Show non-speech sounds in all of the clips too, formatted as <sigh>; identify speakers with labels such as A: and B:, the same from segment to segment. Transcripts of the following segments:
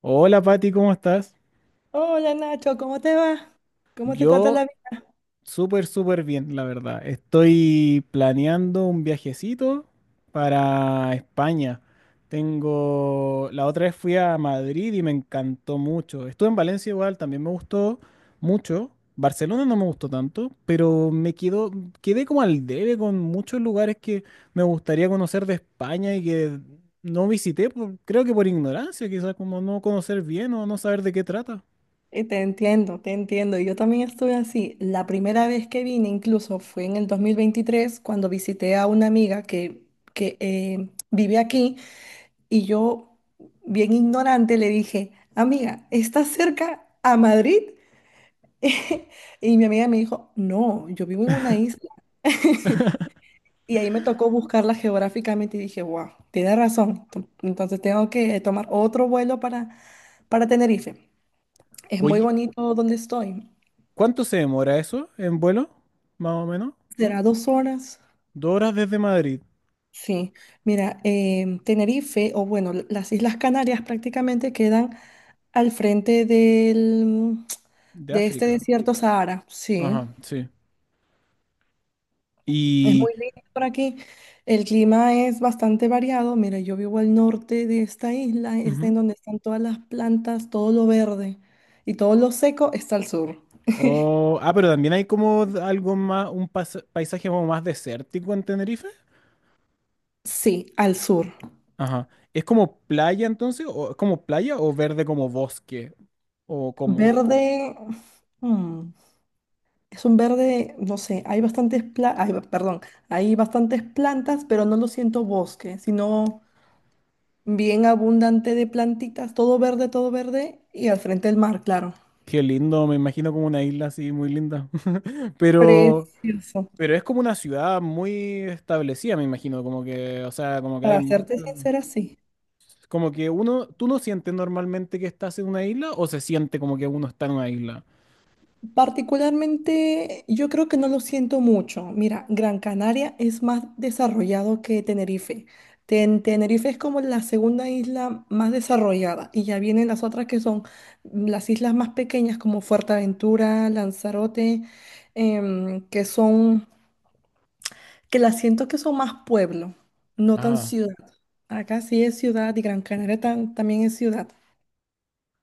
A: Hola Pati, ¿cómo estás?
B: Hola Nacho, ¿cómo te va? ¿Cómo te trata la
A: Yo
B: vida?
A: súper, súper bien, la verdad. Estoy planeando un viajecito para España. La otra vez fui a Madrid y me encantó mucho. Estuve en Valencia igual, también me gustó mucho. Barcelona no me gustó tanto, pero quedé como al debe con muchos lugares que me gustaría conocer de España y que no visité, creo que por ignorancia, quizás como no conocer bien o no saber de qué trata.
B: Te entiendo, te entiendo. Yo también estuve así. La primera vez que vine incluso fue en el 2023 cuando visité a una amiga que vive aquí y yo, bien ignorante, le dije, amiga, ¿estás cerca a Madrid? <laughs> Y mi amiga me dijo, no, yo vivo en una isla. Y ahí me tocó buscarla geográficamente y dije, wow, tiene razón. Entonces tengo que tomar otro vuelo para Tenerife. Es muy
A: Oye,
B: bonito donde estoy.
A: ¿Cuánto se demora eso en vuelo? Más o menos.
B: ¿Será 2 horas?
A: 2 horas desde Madrid,
B: Sí. Mira, Tenerife, o bueno, las Islas Canarias prácticamente quedan al frente del,
A: de
B: de este
A: África.
B: desierto Sahara. Sí.
A: Ajá, sí.
B: Es
A: Y...
B: muy lindo por aquí. El clima es bastante variado. Mira, yo vivo al norte de esta isla, es
A: Ujú.
B: en donde están todas las plantas, todo lo verde. Y todo lo seco está al sur.
A: Oh, ah, pero también hay como algo más, un paisaje como más desértico en Tenerife.
B: Sí, al sur.
A: Ajá. ¿Es como playa entonces? ¿O es como playa o verde como bosque? ¿O como?
B: Verde. mm, Es un verde, no sé, hay bastantes ay, perdón, hay bastantes plantas, pero no lo siento bosque, sino bien abundante de plantitas, todo verde, y al frente el mar, claro.
A: Qué lindo, me imagino como una isla así muy linda. <laughs> Pero,
B: Precioso.
A: pero es como una ciudad muy establecida, me imagino, como que, o sea, como que hay
B: Para serte
A: mucho.
B: sincera, sí.
A: Como que uno, ¿tú no sientes normalmente que estás en una isla o se siente como que uno está en una isla?
B: Particularmente, yo creo que no lo siento mucho. Mira, Gran Canaria es más desarrollado que Tenerife. Tenerife es como la segunda isla más desarrollada y ya vienen las otras que son las islas más pequeñas como Fuerteventura, Lanzarote, em, que son, que las siento que son más pueblo, no tan
A: Ah.
B: ciudad. Acá sí es ciudad y Gran Canaria también es ciudad.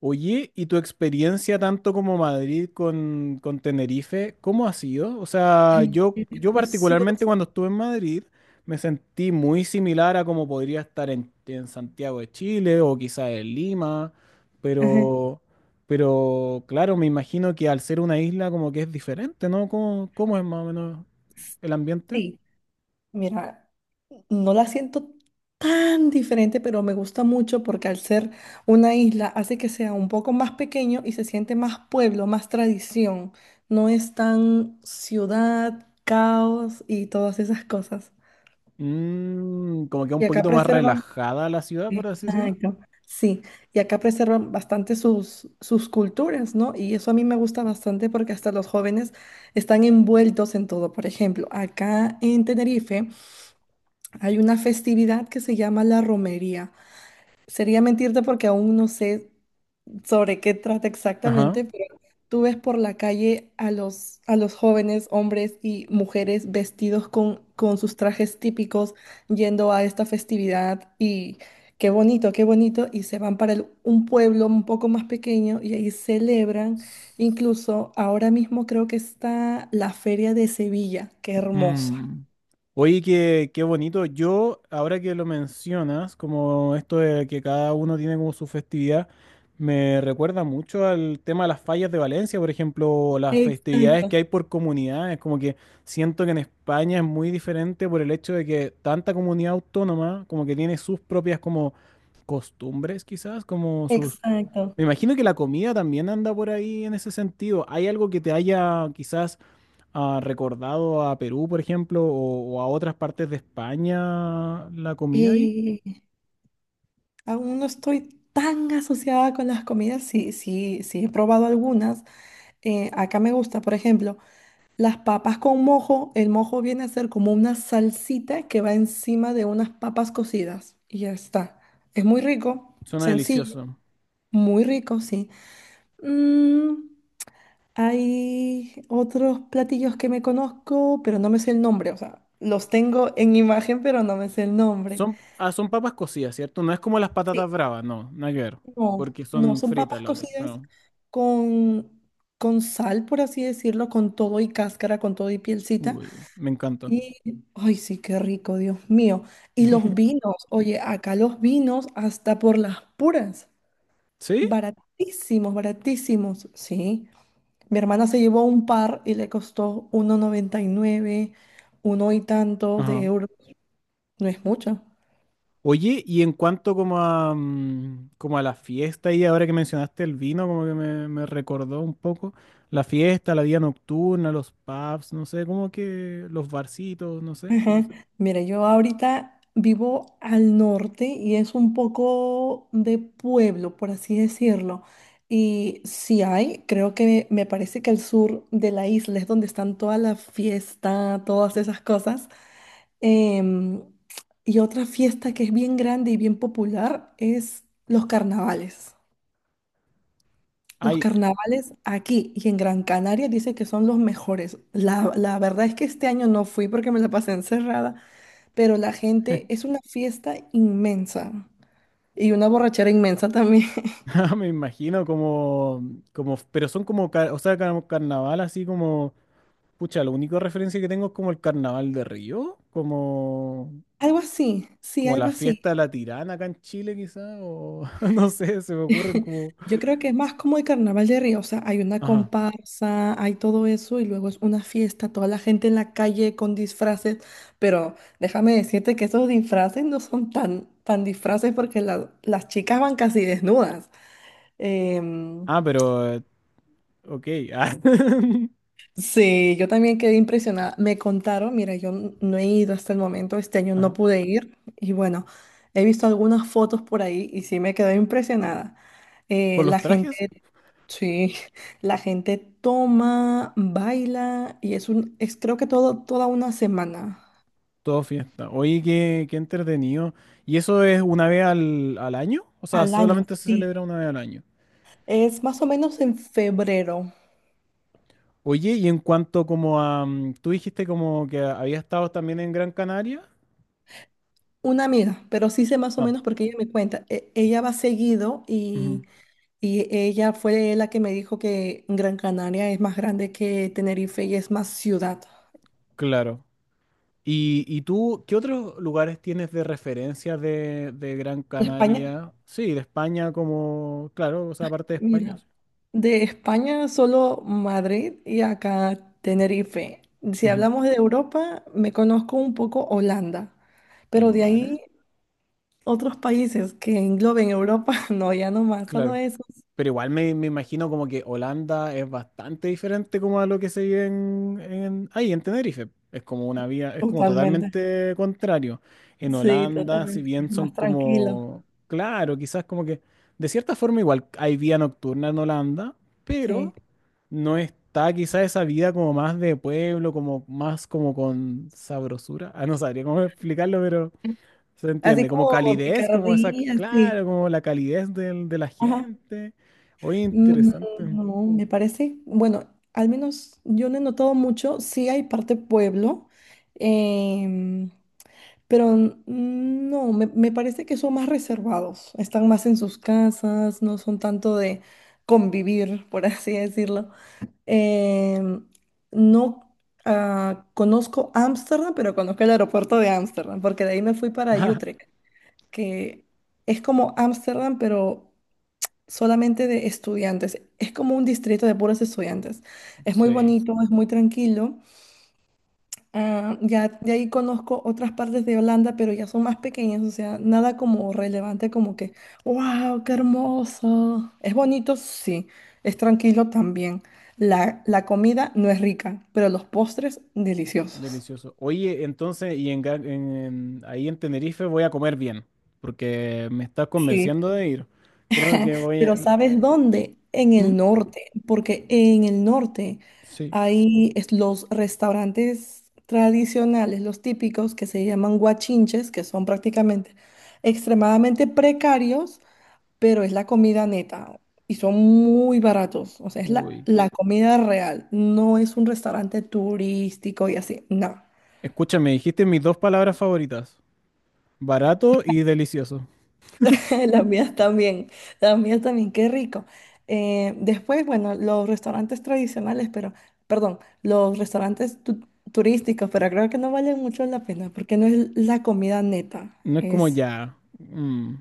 A: Oye, ¿y tu experiencia tanto como Madrid con Tenerife, cómo ha sido? O sea,
B: Ay,
A: yo,
B: es
A: yo particularmente
B: precioso.
A: cuando estuve en Madrid me sentí muy similar a como podría estar en Santiago de Chile o quizás en Lima,
B: Ajá.
A: pero, pero claro, me imagino que al ser una isla como que es diferente, ¿no? ¿Cómo es más o menos el ambiente?
B: Sí, mira. No la siento tan diferente, pero me gusta mucho porque al ser una isla hace que sea un poco más pequeño y se siente más pueblo, más tradición. No es tan ciudad, caos y todas esas cosas.
A: Mm, como que un
B: Y acá
A: poquito más
B: preservan,
A: relajada la ciudad, por así decirlo.
B: exacto, sí, y acá preservan bastante sus culturas, ¿no? Y eso a mí me gusta bastante porque hasta los jóvenes están envueltos en todo. Por ejemplo, acá en Tenerife hay una festividad que se llama la romería. Sería mentirte porque aún no sé sobre qué trata
A: Ajá.
B: exactamente, pero tú ves por la calle a los jóvenes, hombres y mujeres vestidos con sus trajes típicos yendo a esta festividad y qué bonito, y se van para un pueblo un poco más pequeño y ahí celebran. Incluso ahora mismo creo que está la Feria de Sevilla, qué hermosa.
A: Mm. Oye, qué, qué bonito. Yo, ahora que lo mencionas, como esto de que cada uno tiene como su festividad, me recuerda mucho al tema de las fallas de Valencia, por ejemplo, o las festividades que
B: Exacto,
A: hay por comunidades. Como que siento que en España es muy diferente por el hecho de que tanta comunidad autónoma, como que tiene sus propias como costumbres, quizás, como sus...
B: exacto.
A: Me imagino que la comida también anda por ahí en ese sentido. ¿Hay algo que te haya quizás recordado a Perú, por ejemplo, o a otras partes de España la comida ahí?
B: Aún no estoy tan asociada con las comidas, sí, sí, sí he probado algunas. Acá me gusta, por ejemplo, las papas con mojo. El mojo viene a ser como una salsita que va encima de unas papas cocidas y ya está. Es muy rico,
A: Suena
B: sencillo,
A: delicioso.
B: muy rico, sí. Mm, Hay otros platillos que me conozco, pero no me sé el nombre, o sea, los tengo en imagen, pero no me sé el nombre.
A: Son papas cocidas, ¿cierto? No es como las patatas bravas, no, nada que ver,
B: No,
A: porque
B: no
A: son
B: son
A: fritas
B: papas
A: las otras.
B: cocidas
A: Pero,
B: con, con sal, por así decirlo, con todo y cáscara, con todo y pielcita.
A: uy, me encanta.
B: Y, ay, sí, qué rico, Dios mío. Y los
A: <laughs>
B: vinos, oye, acá los vinos hasta por las puras,
A: ¿Sí?
B: baratísimos, baratísimos, sí. Mi hermana se llevó un par y le costó 1,99, uno y tanto de
A: Ajá.
B: euros, no es mucho.
A: Oye, y en cuanto como a, como a la fiesta y ahora que mencionaste el vino, como que me recordó un poco la fiesta, la vida nocturna, los pubs, no sé, como que los barcitos, no sé.
B: Ajá. Mira, yo ahorita vivo al norte y es un poco de pueblo, por así decirlo. Y si hay, creo que me parece que el sur de la isla es donde están toda la fiesta, todas esas cosas. Em, y otra fiesta que es bien grande y bien popular es los carnavales. Los
A: Ay,
B: carnavales aquí y en Gran Canaria dicen que son los mejores. La verdad es que este año no fui porque me la pasé encerrada, pero la gente es una fiesta inmensa y una borrachera inmensa también. <laughs>
A: <laughs> me imagino como, como, pero son como, o sea, como carnaval así como, pucha, la única referencia que tengo es como el carnaval de Río, como,
B: Algo así, sí,
A: como
B: algo
A: la
B: así.
A: fiesta de la Tirana acá en Chile quizá, o <laughs> no sé, se me ocurren como...
B: Yo creo que es más como el Carnaval de Río, o sea, hay una
A: Ajá.
B: comparsa, hay todo eso y luego es una fiesta, toda la gente en la calle con disfraces, pero déjame decirte que esos disfraces no son tan, tan disfraces porque las chicas van casi desnudas. Em,
A: Ah, pero Ok. Ah. <laughs>
B: Sí, yo también quedé impresionada. Me contaron, mira, yo no he ido hasta el momento, este año no
A: Ajá.
B: pude ir y bueno, he visto algunas fotos por ahí y sí me quedé impresionada. Eh,
A: Con
B: la
A: los trajes,
B: gente, sí, <laughs> la gente toma, baila y es, creo que toda una semana
A: todo fiesta. Oye, qué, qué entretenido. ¿Y eso es una vez al, al año? O sea,
B: al año,
A: solamente se celebra
B: sí.
A: una vez al año.
B: Es más o menos en febrero.
A: Oye, y en cuanto como a... Mm. Tú dijiste como que habías estado también en Gran Canaria.
B: Una amiga, pero sí sé más o
A: Ah,
B: menos porque ella me cuenta, ella va seguido y...
A: ujú,
B: Y ella fue la que me dijo que Gran Canaria es más grande que Tenerife y es más ciudad.
A: claro. ¿Y tú qué otros lugares tienes de referencia de Gran
B: ¿De España?
A: Canaria? Sí, de España como... Claro, o sea, aparte de España.
B: Mira,
A: Sí.
B: de España solo Madrid y acá Tenerife. Si
A: Ujú.
B: hablamos de Europa, me conozco un poco Holanda, pero de
A: Vale,
B: ahí otros países que engloben Europa, <laughs> no, ya no más, solo
A: claro.
B: esos.
A: Pero igual me imagino como que Holanda es bastante diferente como a lo que se vive en, ahí, en Tenerife. Es como una vía es como
B: Totalmente.
A: totalmente contrario. En
B: Sí,
A: Holanda, si
B: totalmente,
A: bien son
B: más tranquilo,
A: como, claro, quizás como que, de cierta forma igual hay vía nocturna en Holanda,
B: sí.
A: pero no está quizás esa vida como más de pueblo, como más como con sabrosura. Ah, no sabría cómo <laughs> explicarlo, se
B: Así
A: entiende, como
B: como
A: calidez, como esa,
B: picardía, sí.
A: claro, como la calidez de la gente. Oye,
B: Mm,
A: interesante.
B: No, me parece, bueno, al menos yo no he notado mucho, sí hay parte pueblo, em, pero no, me parece que son más reservados, están más en sus casas, no son tanto de convivir, por <laughs> así decirlo. Em, no, conozco Ámsterdam, pero conozco el aeropuerto de Ámsterdam, porque de ahí me fui para Utrecht,
A: <laughs>
B: que es como Ámsterdam, pero solamente de estudiantes. Es como un distrito de puros estudiantes. Es muy
A: Sí,
B: bonito, es muy tranquilo. Ah, ya de ahí conozco otras partes de Holanda, pero ya son más pequeñas, o sea, nada como relevante como que, wow, qué hermoso. Es bonito, sí, es tranquilo también. La comida no es rica, pero los postres deliciosos.
A: delicioso. Oye, entonces, y en, Ga- en- ahí en Tenerife voy a comer bien, porque me estás
B: Sí.
A: convenciendo de ir. Creo que voy a...
B: Pero ¿sabes dónde? En
A: ¿Mm?
B: el norte, porque en el norte
A: Sí,
B: hay los restaurantes tradicionales, los típicos, que se llaman guachinches, que son prácticamente extremadamente precarios, pero es la comida neta y son muy baratos. O sea, es la,
A: uy.
B: la comida real, no es un restaurante turístico y así, no.
A: Escúchame, dijiste mis dos palabras favoritas, barato y delicioso.
B: <laughs> Las mías también, las mías también, qué rico. Después, bueno, los restaurantes tradicionales, pero, perdón, los restaurantes turísticos, pero creo que no valen mucho la pena porque no es la comida neta,
A: No es como
B: es...
A: ya.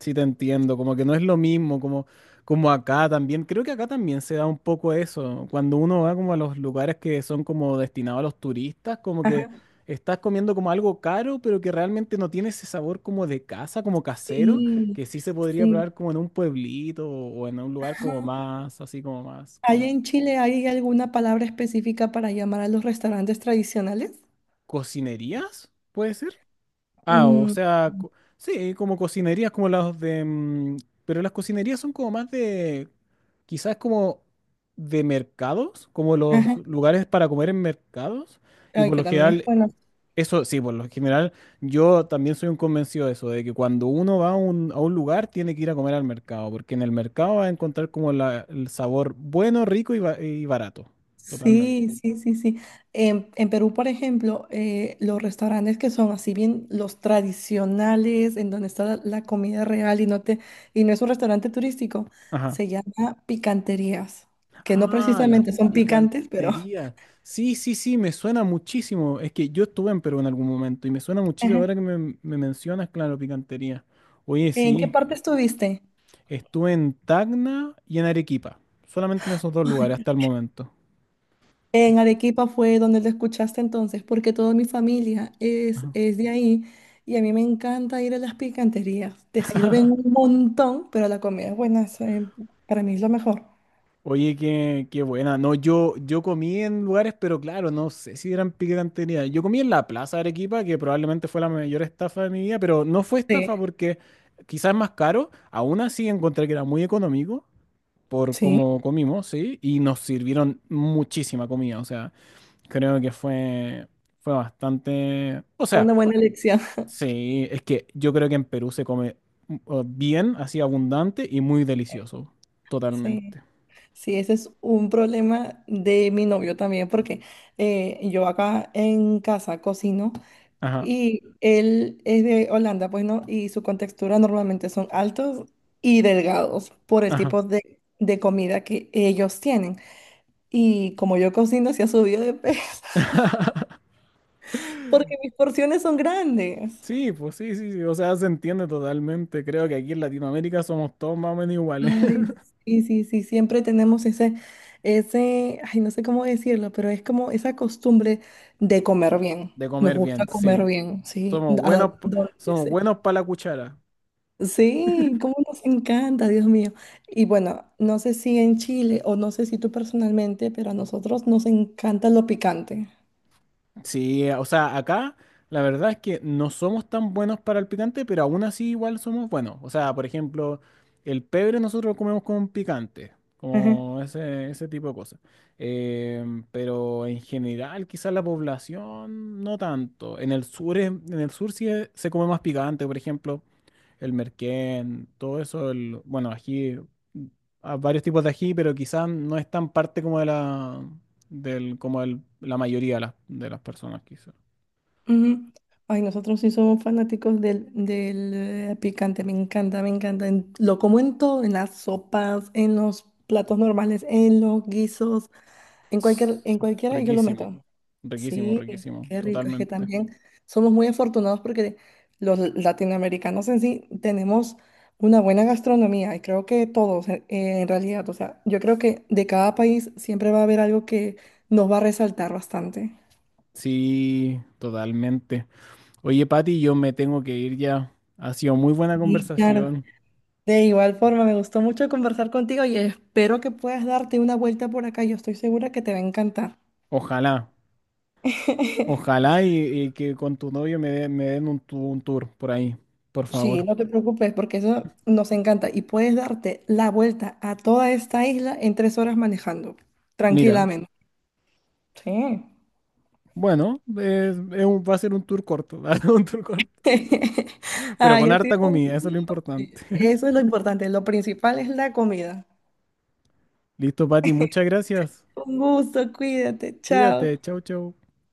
A: Sí, te entiendo, como que no es lo mismo, como, como acá también. Creo que acá también se da un poco eso. Cuando uno va como a los lugares que son como destinados a los turistas, como que
B: Ajá,
A: estás comiendo como algo caro, pero que realmente no tiene ese sabor como de casa, como casero,
B: sí,
A: que sí se podría
B: sí.
A: probar como en un pueblito o en un lugar
B: Ajá.
A: como más, así como más,
B: ¿Hay
A: como
B: en Chile, hay alguna palabra específica para llamar a los restaurantes tradicionales?
A: cocinerías, puede ser. Ah, o
B: Mm,
A: sea, sí, como cocinerías como las de... pero las cocinerías son como más de... Quizás como de mercados, como los
B: ajá,
A: lugares para comer en mercados. Y
B: ay,
A: por
B: que
A: lo
B: también es
A: general,
B: bueno.
A: eso sí, por lo general, yo también soy un convencido de eso, de que cuando uno va a un lugar tiene que ir a comer al mercado, porque en el mercado va a encontrar como el sabor bueno, rico y, y barato. Totalmente.
B: Sí, sí, sí, sí. En Perú, por ejemplo, los restaurantes que son así bien los tradicionales, en donde está la comida real y no te, y no es un restaurante turístico,
A: Ajá.
B: se llama picanterías, que no
A: Ah, las
B: precisamente son picantes, pero ajá.
A: picanterías. Sí, sí, sí, me suena muchísimo. Es que yo estuve en Perú en algún momento y me suena muchísimo ahora que
B: <laughs>
A: me mencionas, claro, picantería. Oye,
B: ¿En qué
A: sí,
B: parte estuviste?
A: estuve en Tacna y en Arequipa. Solamente en esos dos lugares
B: <laughs>
A: hasta el momento. Que-
B: En Arequipa fue donde lo escuchaste entonces, porque toda mi familia es,
A: ajá.
B: es de ahí y a mí me encanta ir a las picanterías. Te sirven un montón, pero la comida es buena, eso, para mí es lo mejor.
A: Oye, qué, qué buena. No, yo comí en lugares, pero claro, no sé si eran picantería. Yo comí en la Plaza de Arequipa, que probablemente fue la mayor estafa de mi vida, pero no fue estafa
B: Sí,
A: porque quizás es más caro. Aún así encontré que era muy económico. Por
B: sí,
A: cómo comimos, ¿sí? Y nos sirvieron muchísima comida, o sea, creo que fue bastante... O
B: fue
A: sea,
B: una buena elección. <laughs>
A: sí, es que yo creo que en Perú se come bien, así abundante y muy delicioso,
B: Sí,
A: totalmente.
B: sí, ese es un problema de mi novio también, porque yo acá en casa cocino.
A: Ajá,
B: Y él es de Holanda, pues no, y su contextura normalmente son altos y delgados por el
A: ajá.
B: tipo de comida que ellos tienen. Y como yo cocino, se ha subido de peso <laughs>
A: <laughs>
B: porque mis porciones son grandes.
A: Sí, pues sí, sí, sí, o sea, se entiende totalmente. Creo que aquí en Latinoamérica somos todos más o menos iguales. <laughs>
B: Ay, sí, sí, sí, siempre tenemos ese, ay, no sé cómo decirlo, pero es como esa costumbre de comer bien.
A: De
B: Nos
A: comer
B: gusta
A: bien,
B: comer
A: sí.
B: bien, sí,
A: Somos
B: a
A: buenos,
B: donde
A: somos
B: sea.
A: buenos para la cuchara.
B: Sí, cómo nos encanta, Dios mío. Y bueno, no sé si en Chile o no sé si tú personalmente, pero a nosotros nos encanta lo picante.
A: Sí, o sea, acá la verdad es que no somos tan buenos para el picante, pero aún así igual somos buenos. O sea, por ejemplo, el pebre nosotros lo comemos con picante,
B: Ajá.
A: como ese tipo de cosas. Pero en general, quizás la población no tanto. En el sur, en el sur sí se come más picante, por ejemplo el merquén, todo eso, el, bueno, ají, mm, a varios tipos de ají, pero quizás no es tan parte como de la, del, como la mayoría de las personas, quizás.
B: Ujú. Ay, nosotros sí somos fanáticos del picante, me encanta, me encanta. Lo como en todo, en las sopas, en los platos normales, en los guisos,
A: Ts-
B: en cualquiera yo lo
A: Riquísimo,
B: meto.
A: riquísimo,
B: Sí,
A: riquísimo,
B: qué rico. Es que
A: totalmente.
B: también somos muy afortunados porque los latinoamericanos en sí tenemos una buena gastronomía y creo que todos en realidad, o sea, yo creo que de cada país siempre va a haber algo que nos va a resaltar bastante.
A: Sí, totalmente. Oye, Pati, yo me tengo que ir ya. Ha sido muy buena
B: Sí, claro.
A: conversación.
B: De igual forma, me gustó mucho conversar contigo y espero que puedas darte una vuelta por acá. Yo estoy segura que te va a encantar.
A: Ojalá,
B: <laughs>
A: ojalá y que con tu novio me den un tour por ahí, por
B: Sí,
A: favor.
B: no te preocupes porque eso nos encanta y puedes darte la vuelta a toda esta isla en 3 horas manejando,
A: Mira.
B: tranquilamente. Sí.
A: Bueno, va a ser un tour corto, <laughs> un tour corto,
B: <laughs>
A: pero
B: Ay,
A: con
B: ha sido
A: harta
B: un
A: comida, eso es lo
B: gusto.
A: importante. <laughs>
B: Eso es lo importante, lo principal es la comida.
A: Listo, Pati, muchas gracias.
B: Un gusto, cuídate, chao.
A: Cuídate, chau, chau.